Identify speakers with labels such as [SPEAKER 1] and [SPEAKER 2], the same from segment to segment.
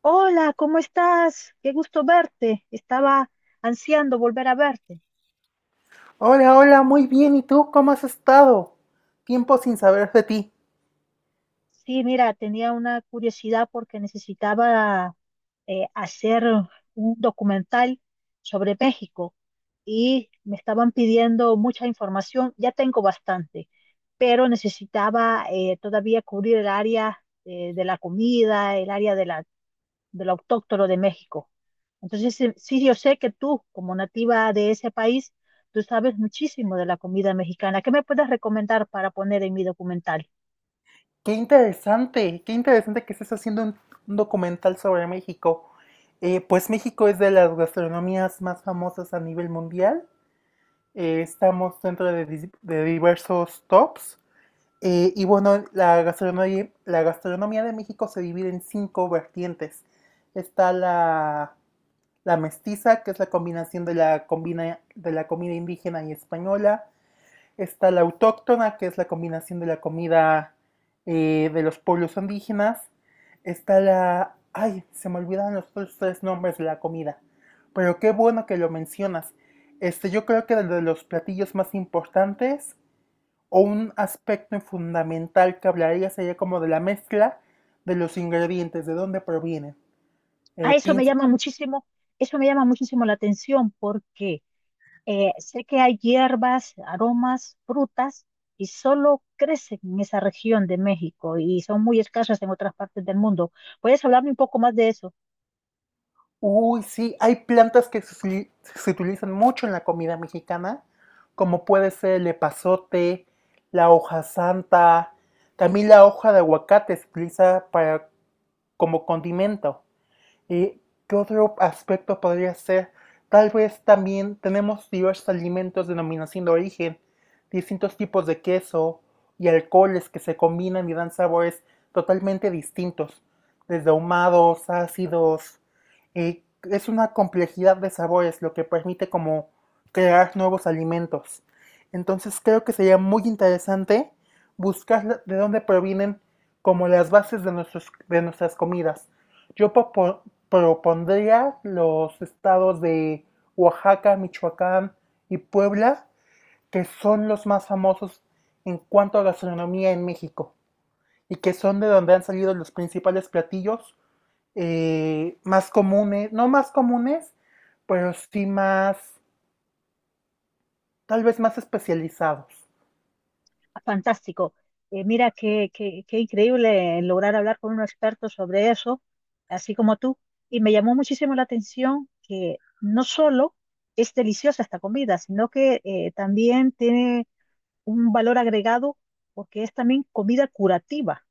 [SPEAKER 1] Hola, ¿cómo estás? Qué gusto verte. Estaba ansiando volver a verte.
[SPEAKER 2] Hola, hola, muy bien. ¿Y tú cómo has estado? Tiempo sin saber de ti.
[SPEAKER 1] Sí, mira, tenía una curiosidad porque necesitaba hacer un documental sobre México y me estaban pidiendo mucha información. Ya tengo bastante, pero necesitaba todavía cubrir el área de la comida, el área de lo autóctono de México. Entonces, sí, sí, yo sé que tú, como nativa de ese país, tú sabes muchísimo de la comida mexicana. ¿Qué me puedes recomendar para poner en mi documental?
[SPEAKER 2] Qué interesante que estés haciendo un documental sobre México. Pues México es de las gastronomías más famosas a nivel mundial. Estamos dentro de diversos tops. Y bueno, la gastronomía de México se divide en cinco vertientes. Está la mestiza, que es la combinación de la comida indígena y española. Está la autóctona, que es la combinación de la comida de los pueblos indígenas. Ay, se me olvidan los otros tres nombres de la comida. Pero qué bueno que lo mencionas. Este, yo creo que de los platillos más importantes o un aspecto fundamental que hablaría sería como de la mezcla de los ingredientes, de dónde provienen.
[SPEAKER 1] A eso me
[SPEAKER 2] Pinche
[SPEAKER 1] llama muchísimo, eso me llama muchísimo la atención porque sé que hay hierbas, aromas, frutas y solo crecen en esa región de México y son muy escasas en otras partes del mundo. ¿Puedes hablarme un poco más de eso?
[SPEAKER 2] Uy, sí, hay plantas que se utilizan mucho en la comida mexicana, como puede ser el epazote, la hoja santa, también la hoja de aguacate se utiliza para, como condimento. Eh, ¿Qué otro aspecto podría ser? Tal vez también tenemos diversos alimentos de denominación de origen, distintos tipos de queso y alcoholes que se combinan y dan sabores totalmente distintos, desde ahumados, ácidos. eh, es una complejidad de sabores lo que permite como crear nuevos alimentos. Entonces creo que sería muy interesante buscar de dónde provienen como las bases de nuestras comidas. Yo propondría los estados de Oaxaca, Michoacán y Puebla, que son los más famosos en cuanto a gastronomía en México y que son de donde han salido los principales platillos más comunes, no más comunes, pero sí más, tal vez más especializados.
[SPEAKER 1] Fantástico. Mira, qué increíble lograr hablar con un experto sobre eso, así como tú. Y me llamó muchísimo la atención que no solo es deliciosa esta comida, sino que también tiene un valor agregado porque es también comida curativa.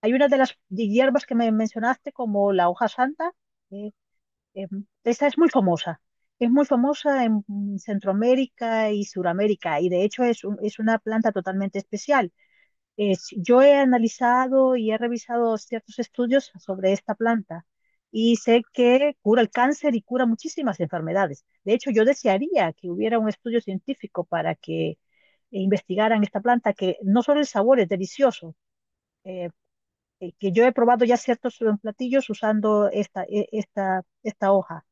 [SPEAKER 1] Hay una de las hierbas que me mencionaste como la hoja santa, eh, eh, esa es muy famosa. Es muy famosa en Centroamérica y Suramérica y de hecho es una planta totalmente especial yo he analizado y he revisado ciertos estudios sobre esta planta y sé que cura el cáncer y cura muchísimas enfermedades. De hecho, yo desearía que hubiera un estudio científico para que investigaran esta planta, que no solo el sabor es delicioso, eh, que yo he probado ya ciertos platillos usando esta hoja.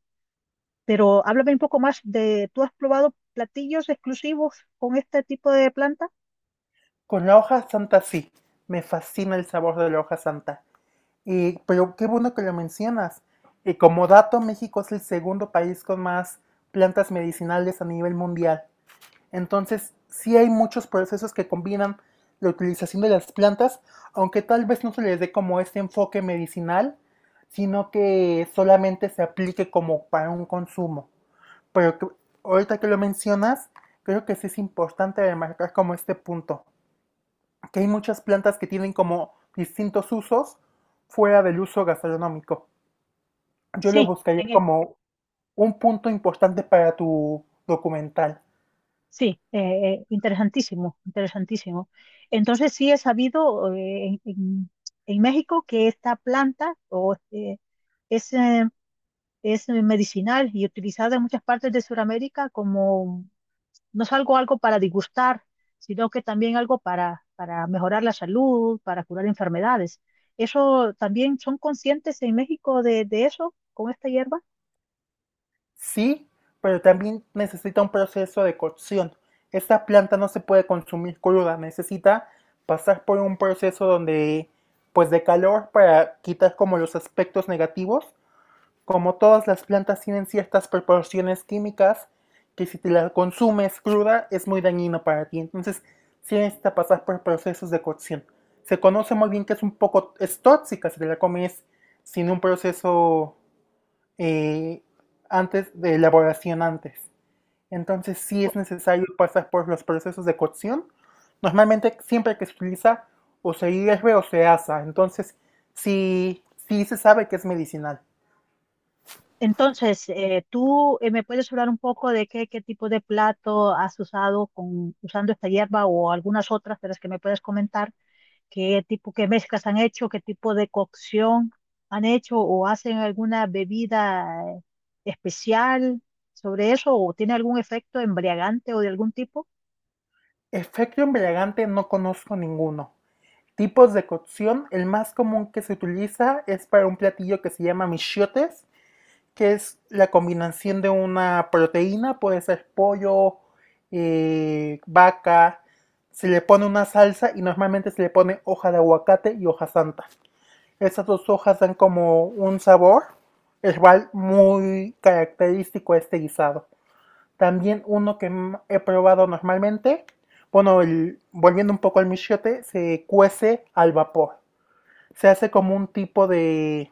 [SPEAKER 1] Pero háblame un poco más de, ¿tú has probado platillos exclusivos con este tipo de planta?
[SPEAKER 2] Con la hoja santa sí, me fascina el sabor de la hoja santa. Pero qué bueno que lo mencionas. Y como dato, México es el segundo país con más plantas medicinales a nivel mundial. Entonces, sí hay muchos procesos que combinan la utilización de las plantas, aunque tal vez no se les dé como este enfoque medicinal, sino que solamente se aplique como para un consumo. Pero que- Ahorita que lo mencionas, creo que sí es importante remarcar como este punto que hay muchas plantas que tienen como distintos usos fuera del uso gastronómico. Yo lo
[SPEAKER 1] Sí,
[SPEAKER 2] buscaría como un punto importante para tu documental.
[SPEAKER 1] sí, interesantísimo, interesantísimo. Entonces sí he sabido en México que esta planta es, eh, es medicinal y utilizada en muchas partes de Sudamérica como no es algo, algo para disgustar, sino que también algo para mejorar la salud, para curar enfermedades. ¿Eso también son conscientes en México de eso, con esta hierba?
[SPEAKER 2] Sí, pero también necesita un proceso de cocción. Esta planta no se puede consumir cruda, necesita pasar por un proceso donde pues de calor para quitar como los aspectos negativos. Como todas las plantas tienen ciertas proporciones químicas que si te la consumes cruda es muy dañino para ti. Entonces, sí necesita pasar por procesos de cocción. Se conoce muy bien que es un poco, es tóxica si te la comes sin un proceso eh, antes de elaboración antes. Entonces sí es necesario pasar por los procesos de cocción. Normalmente siempre que se utiliza o se hierve o se asa. Entonces sí, sí se sabe que es medicinal.
[SPEAKER 1] Entonces, ¿tú me puedes hablar un poco de qué, qué tipo de plato has usado con, usando esta hierba o algunas otras de las que me puedes comentar? ¿Qué tipo, qué mezclas han hecho? ¿Qué tipo de cocción han hecho? ¿O hacen alguna bebida eh, especial sobre eso? ¿O tiene algún efecto embriagante o de algún tipo?
[SPEAKER 2] Efecto embriagante no conozco ninguno. Tipos de cocción, el más común que se utiliza es para un platillo que se llama michiotes, que es la combinación de una proteína, puede ser pollo, vaca, se le pone una salsa y normalmente se le pone hoja de aguacate y hoja santa. Estas dos hojas dan como un sabor herbal muy característico a este guisado. También uno que he probado normalmente, bueno, volviendo un poco al michiote, se cuece al vapor. Se hace como un tipo de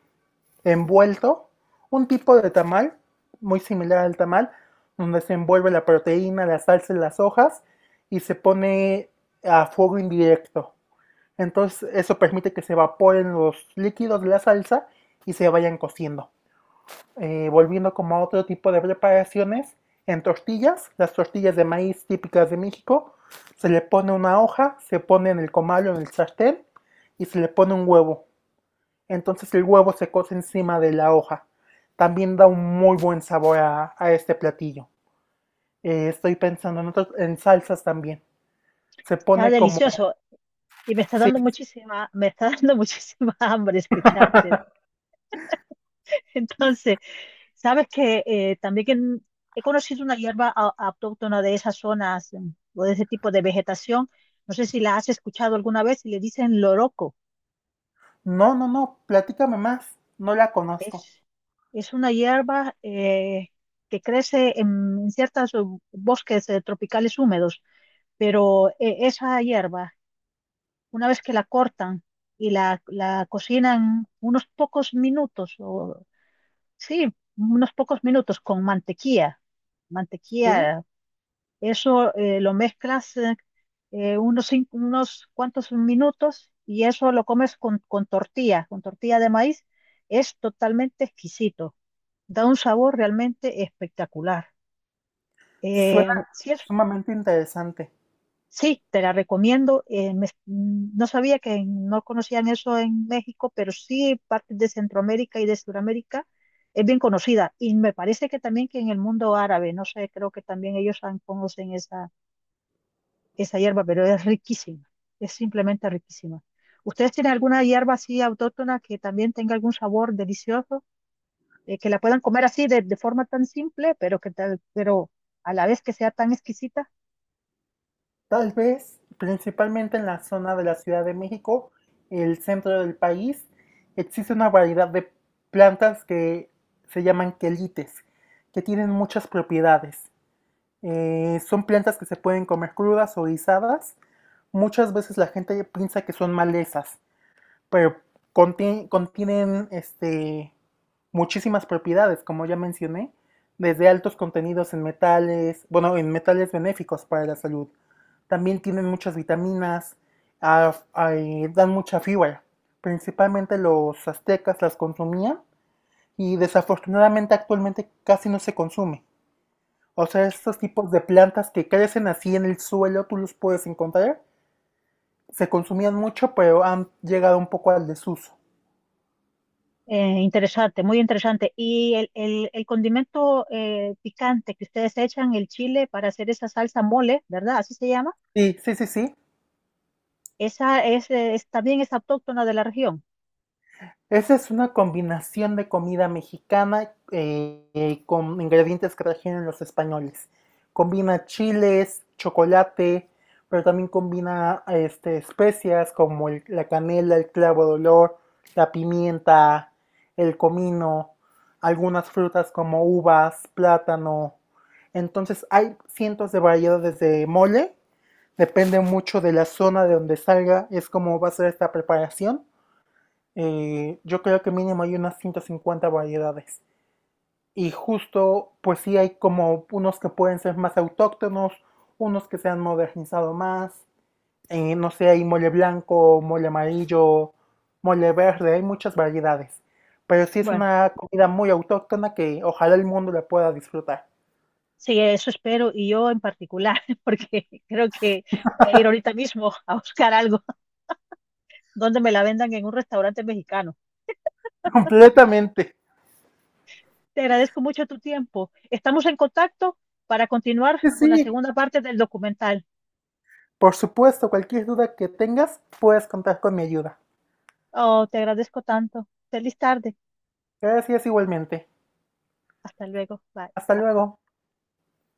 [SPEAKER 2] envuelto, un tipo de tamal, muy similar al tamal, donde se envuelve la proteína, la salsa y las hojas y se pone a fuego indirecto. Entonces eso permite que se evaporen los líquidos de la salsa y se vayan cociendo volviendo como a otro tipo de preparaciones, en tortillas, las tortillas de maíz típicas de México, se le pone una hoja, se pone en el comal o en el sartén y se le pone un huevo. Entonces el huevo se cose encima de la hoja. También da un muy buen sabor a este platillo. Estoy pensando en, otros, en salsas también. Se
[SPEAKER 1] Está
[SPEAKER 2] pone como.
[SPEAKER 1] delicioso y me está
[SPEAKER 2] Sí.
[SPEAKER 1] dando muchísima, me está dando muchísima hambre escucharte. Entonces, sabes que también que he conocido una hierba autóctona de esas zonas o de ese tipo de vegetación. No sé si la has escuchado alguna vez y le dicen loroco.
[SPEAKER 2] No, no, no, platícame más. No la conozco.
[SPEAKER 1] Es, es una hierba que crece en, ciertos bosques tropicales húmedos, pero esa hierba, una vez que la cortan y la cocinan unos pocos minutos, o sí, unos pocos minutos con mantequilla,
[SPEAKER 2] Sí.
[SPEAKER 1] mantequilla. Eso lo mezclas unos, unos cuantos minutos y eso lo comes con tortilla de maíz. Es totalmente exquisito. Da un sabor realmente espectacular. Eh,
[SPEAKER 2] Suena
[SPEAKER 1] sí, es-
[SPEAKER 2] sumamente interesante.
[SPEAKER 1] sí, te la recomiendo. No sabía que no conocían eso en México, pero sí partes de Centroamérica y de Sudamérica es bien conocida. Y me parece que también que en el mundo árabe, no sé, creo que también ellos conocen esa esa hierba, pero es riquísima, es simplemente riquísima. ¿Ustedes tienen alguna hierba así autóctona que también tenga algún sabor delicioso, que la puedan comer así de forma tan simple, pero que tal, pero a la vez que sea tan exquisita?
[SPEAKER 2] Tal vez, principalmente en la zona de la Ciudad de México, el centro del país, existe una variedad de plantas que se llaman quelites, que tienen muchas propiedades. Son plantas que se pueden comer crudas o guisadas. Muchas veces la gente piensa que son malezas, pero contienen este, muchísimas propiedades, como ya mencioné, desde altos contenidos en metales, bueno, en metales benéficos para la salud. También tienen muchas vitaminas, dan mucha fibra. Principalmente los aztecas las consumían y desafortunadamente actualmente casi no se consume. O sea, estos tipos de plantas que crecen así en el suelo, tú los puedes encontrar. Se consumían mucho, pero han llegado un poco al desuso.
[SPEAKER 1] Interesante, muy interesante. Y el condimento picante que ustedes echan, el chile, para hacer esa salsa mole, ¿verdad? Así se llama.
[SPEAKER 2] Sí, sí, sí, sí.
[SPEAKER 1] Esa es, también es autóctona de la región.
[SPEAKER 2] Esa es una combinación de comida mexicana con ingredientes que trajeron los españoles. Combina chiles, chocolate, pero también combina este, especias como la canela, el clavo de olor, la pimienta, el comino, algunas frutas como uvas, plátano. Entonces hay cientos de variedades de mole. Depende mucho de la zona de donde salga, es como va a ser esta preparación. Yo creo que mínimo hay unas 150 variedades. Y justo, pues sí hay como unos que pueden ser más autóctonos, unos que se han modernizado más. No sé, hay mole blanco, mole amarillo, mole verde, hay muchas variedades. Pero sí es
[SPEAKER 1] Bueno.
[SPEAKER 2] una comida muy autóctona que ojalá el mundo la pueda disfrutar.
[SPEAKER 1] Sí, eso espero, y yo en particular, porque creo que voy a ir ahorita mismo a buscar algo donde me la vendan en un restaurante mexicano.
[SPEAKER 2] Completamente.
[SPEAKER 1] Te agradezco mucho tu tiempo. Estamos en contacto para continuar
[SPEAKER 2] Sí,
[SPEAKER 1] con la
[SPEAKER 2] sí.
[SPEAKER 1] segunda parte del documental.
[SPEAKER 2] Por supuesto, cualquier duda que tengas, puedes contar con mi ayuda.
[SPEAKER 1] Oh, te agradezco tanto. Feliz tarde.
[SPEAKER 2] Gracias igualmente.
[SPEAKER 1] Hasta luego. Bye.
[SPEAKER 2] Hasta luego.